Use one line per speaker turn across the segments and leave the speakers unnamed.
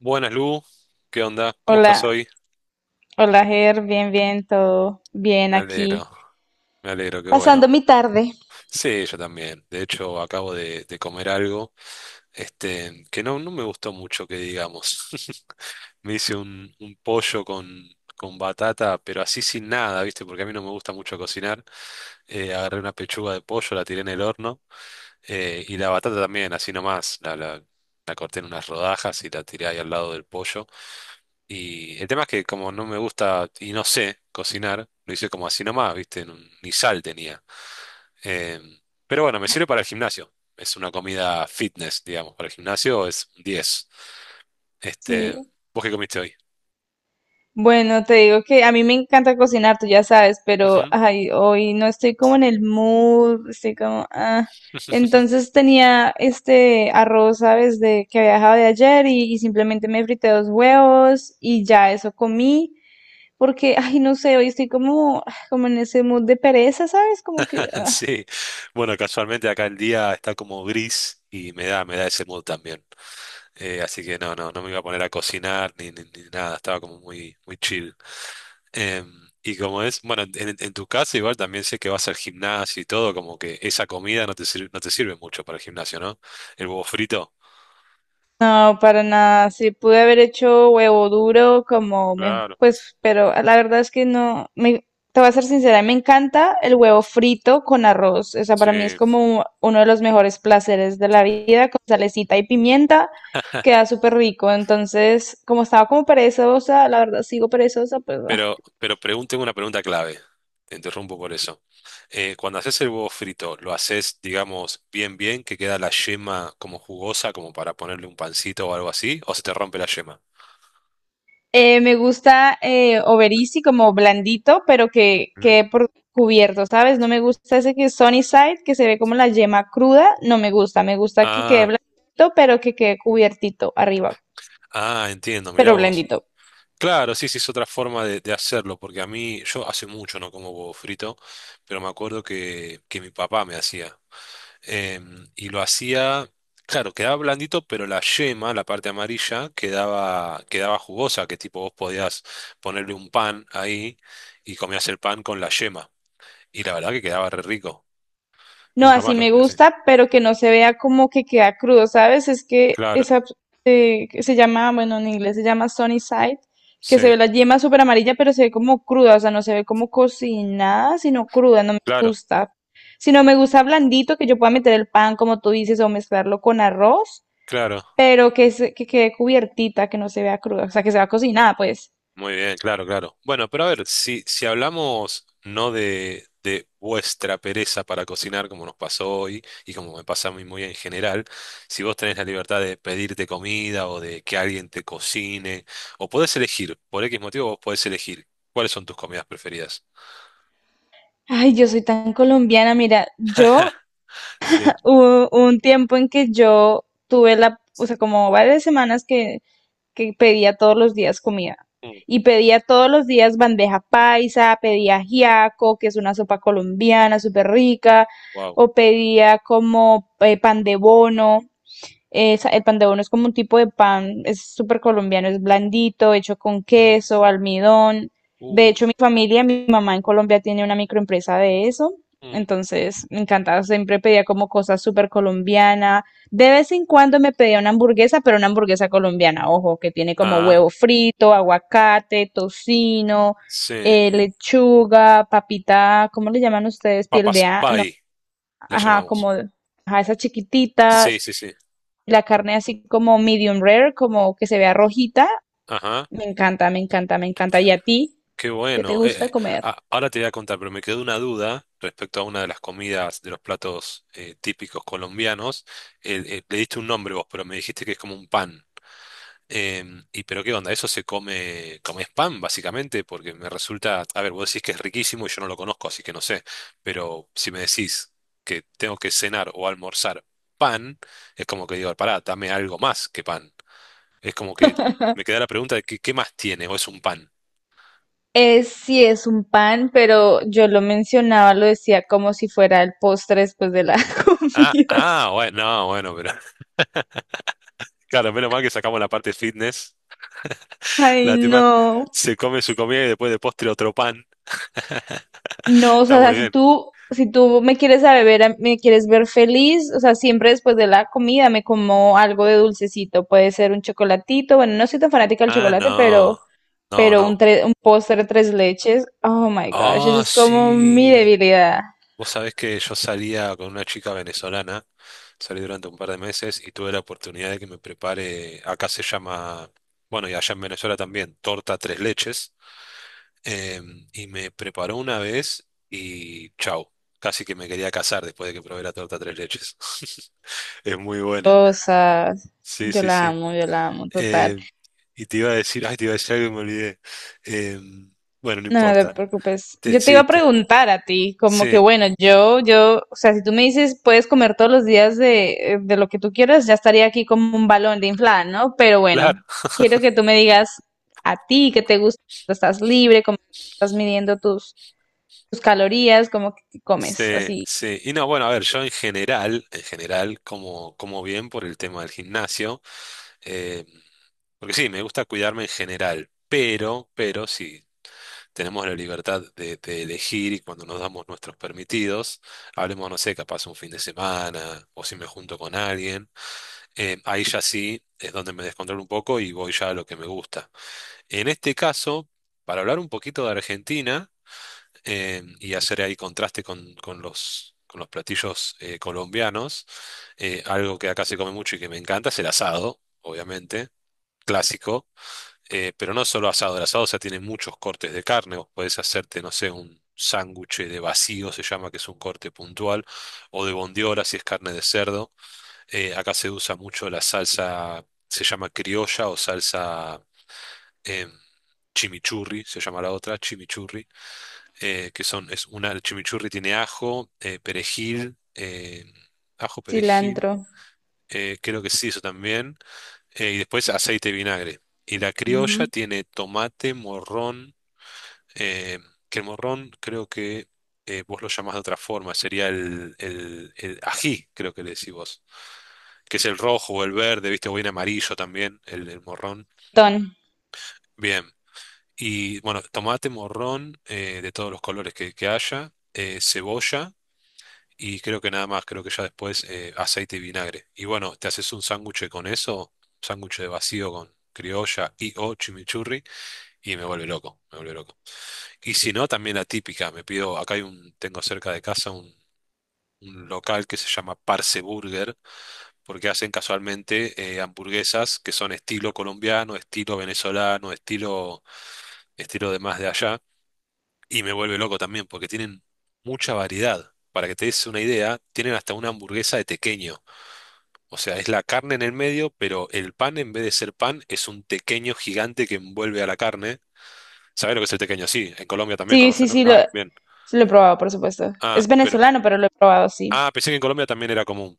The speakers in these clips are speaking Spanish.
Buenas, Lu. ¿Qué onda? ¿Cómo estás
Hola,
hoy?
hola Ger, bien, bien, todo bien
Me alegro,
aquí,
me alegro, qué
pasando
bueno.
mi tarde.
Sí, yo también. De hecho, acabo de comer algo, este, que no, no me gustó mucho, que digamos. Me hice un pollo con batata, pero así sin nada, ¿viste? Porque a mí no me gusta mucho cocinar. Agarré una pechuga de pollo, la tiré en el horno, y la batata también, así nomás. La corté en unas rodajas y la tiré ahí al lado del pollo. Y el tema es que como no me gusta y no sé cocinar, lo hice como así nomás, ¿viste? Ni sal tenía. Em, pero bueno, me sirve para el gimnasio. Es una comida fitness, digamos. Para el gimnasio es un 10.
Sí.
Este, ¿vos qué comiste hoy?
Bueno, te digo que a mí me encanta cocinar, tú ya sabes, pero
Ujú.
ay, hoy no estoy como en el mood, estoy como, ah. Entonces tenía este arroz, ¿sabes? De que había dejado de ayer y simplemente me frité dos huevos y ya eso comí, porque, ay, no sé, hoy estoy como, ah, como en ese mood de pereza, ¿sabes? Como que,
Sí, bueno, casualmente acá el día está como gris y me da ese mood también. Así que no, no, no me iba a poner a cocinar ni nada, estaba como muy, muy chill. Em, y como es, bueno, en tu casa igual también sé que vas al gimnasio y todo, como que esa comida no te sirve, no te sirve mucho para el gimnasio, ¿no? El huevo frito.
no, para nada. Sí, pude haber hecho huevo duro como mejor,
Claro.
pues, pero la verdad es que no, me, te voy a ser sincera, me encanta el huevo frito con arroz. O sea,
Sí.
para mí es como uno de los mejores placeres de la vida, con salecita y pimienta, queda súper rico. Entonces, como estaba como perezosa, la verdad sigo perezosa, pues.
Pero, pero tengo una pregunta clave. Te interrumpo por eso. Cuando haces el huevo frito, lo haces, digamos, bien, bien, que queda la yema como jugosa, como para ponerle un pancito o algo así, o se te rompe la yema.
Me gusta Oberisi como blandito, pero que
¿Mm?
quede por cubierto, ¿sabes? No me gusta ese que es sunny side, que se ve como la yema cruda, no me gusta, me gusta que quede
Ah,
blandito, pero que quede cubiertito arriba,
ah, entiendo, mirá
pero
vos.
blandito.
Claro, sí, sí, es otra forma de hacerlo, porque a mí, yo hace mucho no como huevo frito, pero me acuerdo que mi papá me hacía. Y lo hacía, claro, quedaba blandito, pero la yema, la parte amarilla, quedaba jugosa, que tipo vos podías ponerle un pan ahí y comías el pan con la yema. Y la verdad que quedaba re rico.
No,
Nunca
así
más lo
me
comí así.
gusta, pero que no se vea como que queda crudo, ¿sabes? Es que
Claro,
esa que se llama, bueno, en inglés se llama sunny side, que
sí,
se ve la yema súper amarilla, pero se ve como cruda, o sea, no se ve como cocinada, sino cruda, no me
claro,
gusta. Si no me gusta blandito, que yo pueda meter el pan, como tú dices, o mezclarlo con arroz,
claro.
pero que, se- que quede cubiertita, que no se vea cruda, o sea, que se vea cocinada, pues.
Muy bien, claro, claro. Bueno, pero a ver, si hablamos no de vuestra pereza para cocinar, como nos pasó hoy y como me pasa a mí muy en general, si vos tenés la libertad de pedirte comida o de que alguien te cocine, o podés elegir, por X motivo vos podés elegir cuáles son tus comidas preferidas.
Ay, yo soy tan colombiana, mira, yo
Sí.
hubo un tiempo en que yo tuve la, o sea, como varias semanas que pedía todos los días comida. Y pedía todos los días bandeja paisa, pedía ajiaco, que es una sopa colombiana súper rica,
Wow.
o pedía como pan de bono. Es- el pan de bono es como un tipo de pan, es súper colombiano, es blandito, hecho con queso, almidón.
Uh,
De hecho, mi familia, mi mamá en Colombia tiene una microempresa de eso.
mm.
Entonces, me encantaba, siempre pedía como cosas súper colombiana. De vez en cuando me pedía una hamburguesa, pero una hamburguesa colombiana, ojo, que tiene como
Ah,
huevo frito, aguacate, tocino,
sí.
lechuga, papita, ¿cómo le llaman ustedes? Piel de...
Papas
a- No,
pie, la
ajá,
llamamos.
como... Ajá, esas
Sí,
chiquititas
sí, sí.
la carne así como medium rare, como que se vea rojita,
Ajá,
me encanta, me encanta, me encanta. ¿Y a ti
qué
qué te
bueno.
gusta comer?
Ahora te voy a contar, pero me quedó una duda respecto a una de las comidas de los platos típicos colombianos. Le diste un nombre vos, pero me dijiste que es como un pan. Y pero qué onda, eso se come, como es pan, básicamente, porque me resulta, a ver, vos decís que es riquísimo y yo no lo conozco, así que no sé, pero si me decís que tengo que cenar o almorzar pan, es como que digo, pará, dame algo más que pan. Es como que me queda la pregunta de qué más tiene o es un pan.
Sí, es un pan, pero yo lo mencionaba, lo decía como si fuera el postre después de la
Ah,
comida.
ah, bueno, no, bueno, pero claro, menos mal que sacamos la parte fitness.
Ay,
La tipa
no.
se come su comida y después de postre otro pan.
No, o
Está
sea,
muy
si
bien.
tú, si tú me quieres a beber, a- me quieres ver feliz, o sea, siempre después de la comida me como algo de dulcecito. Puede ser un chocolatito, bueno, no soy tan fanática del
Ah,
chocolate,
no,
pero
no,
Pero un,
no.
tre- un postre tres leches, oh my gosh, eso
Ah,
es como mi
sí.
debilidad.
Vos sabés que yo salía con una chica venezolana, salí durante un par de meses y tuve la oportunidad de que me prepare, acá se llama, bueno, y allá en Venezuela también, torta tres leches. Y me preparó una vez y chau, casi que me quería casar después de que probé la torta tres leches. Es muy buena.
Cosas,
Sí, sí, sí.
yo la amo, total.
Eh, y te iba a decir, ay, te iba a decir algo y me olvidé. Em, bueno, no
No, no te
importa.
preocupes.
Te-
Yo te iba
sí,
a
te-
preguntar a ti, como que
sí,
bueno, yo, o sea, si tú me dices puedes comer todos los días de lo que tú quieras, ya estaría aquí como un balón de inflada, ¿no? Pero bueno,
claro.
quiero que tú me digas a ti qué te gusta, cuando estás libre, cómo estás midiendo tus, tus calorías, cómo que comes,
Sí,
así,
sí. Y no, bueno, a ver, yo en general, como bien por el tema del gimnasio, eh, porque sí, me gusta cuidarme en general, pero sí. Tenemos la libertad de elegir y cuando nos damos nuestros permitidos, hablemos, no sé, capaz un fin de semana o si me junto con alguien, ahí ya sí es donde me descontrolo un poco y voy ya a lo que me gusta. En este caso, para hablar un poquito de Argentina y hacer ahí contraste con, con los platillos colombianos, algo que acá se come mucho y que me encanta es el asado, obviamente, clásico. Pero no solo asado, el asado, o sea, tiene muchos cortes de carne. Vos podés hacerte, no sé, un sándwich de vacío, se llama, que es un corte puntual, o de bondiola, si es carne de cerdo. Acá se usa mucho la salsa, se llama criolla o salsa em, chimichurri, se llama la otra, chimichurri, que son, es una, el chimichurri tiene ajo, perejil, ajo, perejil,
cilantro,
creo que sí, eso también, y después aceite y vinagre. Y la criolla
ujú,
tiene tomate, morrón, eh, que el morrón creo que vos lo llamás de otra forma, sería el ají, creo que le decís vos, que es el rojo o el verde, viste, o bien amarillo también, el morrón.
ton.
Bien, y bueno, tomate, morrón de todos los colores que haya, cebolla. Y creo que nada más, creo que ya después aceite y vinagre. Y bueno, te haces un sándwich con eso, sándwich de vacío con criolla y o chimichurri, y me vuelve loco, me vuelve loco. Y si no, también la típica. Me pido, acá hay tengo cerca de casa un local que se llama Parce Burger, porque hacen casualmente hamburguesas que son estilo colombiano, estilo venezolano, estilo de más de allá. Y me vuelve loco también, porque tienen mucha variedad. Para que te des una idea, tienen hasta una hamburguesa de tequeño. O sea, es la carne en el medio, pero el pan, en vez de ser pan, es un tequeño gigante que envuelve a la carne. ¿Sabés lo que es el tequeño? Sí, en Colombia también
Sí,
conocen,
sí,
¿no? Ah, bien.
sí lo he probado, por supuesto.
Ah,
Es
pero
venezolano, pero lo he probado, sí.
ah, pensé que en Colombia también era común.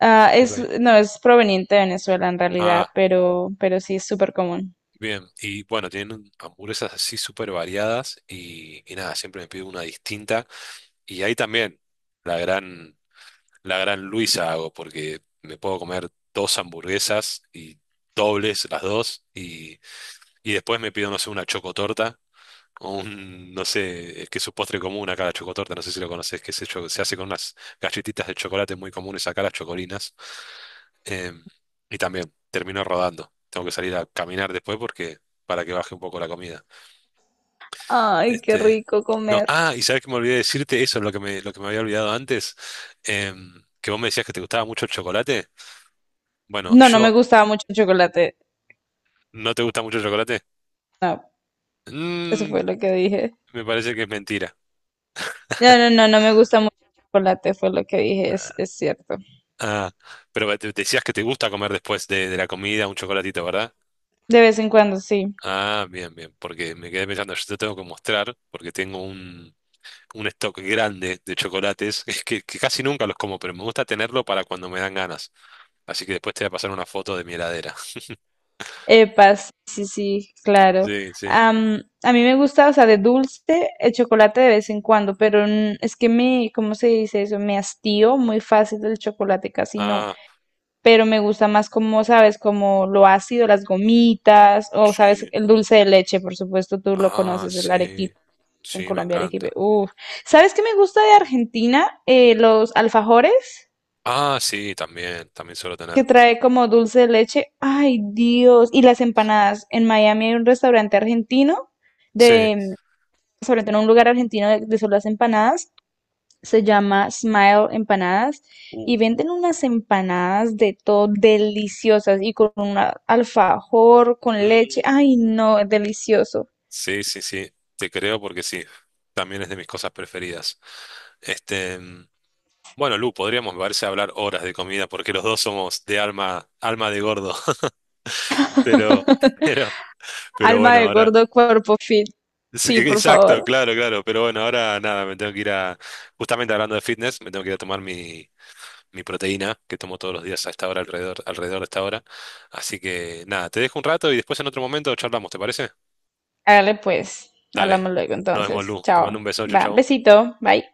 Ah, es,
Ok.
no, es proveniente de Venezuela en
Ah,
realidad, pero sí es súper común.
bien. Y bueno, tienen hamburguesas así súper variadas y nada, siempre me pido una distinta. Y ahí también la gran, la gran Luisa hago porque me puedo comer dos hamburguesas y dobles las dos y después me pido, no sé, una chocotorta o no sé, es que es su postre común acá, la chocotorta, no sé si lo conoces, que se hace con unas galletitas de chocolate muy comunes acá, las chocolinas. Em, y también termino rodando. Tengo que salir a caminar después porque para que baje un poco la comida.
Ay, qué
Este,
rico
no,
comer.
ah, y sabes que me olvidé decirte eso, lo que me había olvidado antes, que vos me decías que te gustaba mucho el chocolate. Bueno,
No, no me gustaba mucho el chocolate.
¿no te gusta mucho el chocolate?
No, eso
Mm,
fue lo que dije.
me parece que es mentira.
No, no, no, no me gusta mucho el chocolate, fue lo que dije, es cierto.
Ah, pero decías que te gusta comer después de la comida un chocolatito, ¿verdad?
De vez en cuando, sí.
Ah, bien, bien, porque me quedé pensando, yo te tengo que mostrar, porque tengo un stock grande de chocolates, que casi nunca los como, pero me gusta tenerlo para cuando me dan ganas. Así que después te voy a pasar una foto de mi heladera.
Epa, sí, sí, sí, claro.
Sí, sí.
Am, a mí me gusta, o sea, de dulce, el chocolate de vez en cuando, pero n- es que me, ¿cómo se dice eso? Me hastío muy fácil del chocolate, casi no.
Ah,
Pero me gusta más como, ¿sabes? Como lo ácido, las gomitas, o, ¿sabes?
sí.
El dulce de leche, por supuesto, tú lo
Ah,
conoces, el
sí.
arequipe. En
Sí, me
Colombia, arequipe.
encanta.
Uf. ¿Sabes qué me gusta de Argentina? Los alfajores
Ah, sí, también suelo
que
tener.
trae como dulce de leche. Ay, Dios. Y las empanadas. En Miami hay un restaurante argentino,
Sí.
de, sobre todo en un lugar argentino de solo las empanadas. Se llama Smile Empanadas
Uh.
y venden unas empanadas de todo deliciosas y con un alfajor, con leche.
Mm.
Ay, no, es delicioso.
Sí, sí, sí, te creo porque sí, también es de mis cosas preferidas. Este, bueno, Lu, podríamos, me parece, hablar horas de comida porque los dos somos de alma de gordo. Pero, pero, pero,
Alma
bueno,
de
ahora.
gordo, cuerpo fit.
Sí,
Sí,
que
por
Exacto,
favor.
claro, claro. Pero bueno, ahora nada, me tengo que ir a, justamente hablando de fitness, me tengo que ir a tomar mi, mi proteína que tomo todos los días a esta hora, alrededor de esta hora. Así que nada, te dejo un rato y después en otro momento charlamos, ¿te parece?
Hágale pues.
Dale,
Hablamos luego
nos vemos,
entonces.
Lu. Te mando un
Chao.
beso, chau,
Va,
chau.
besito. Bye.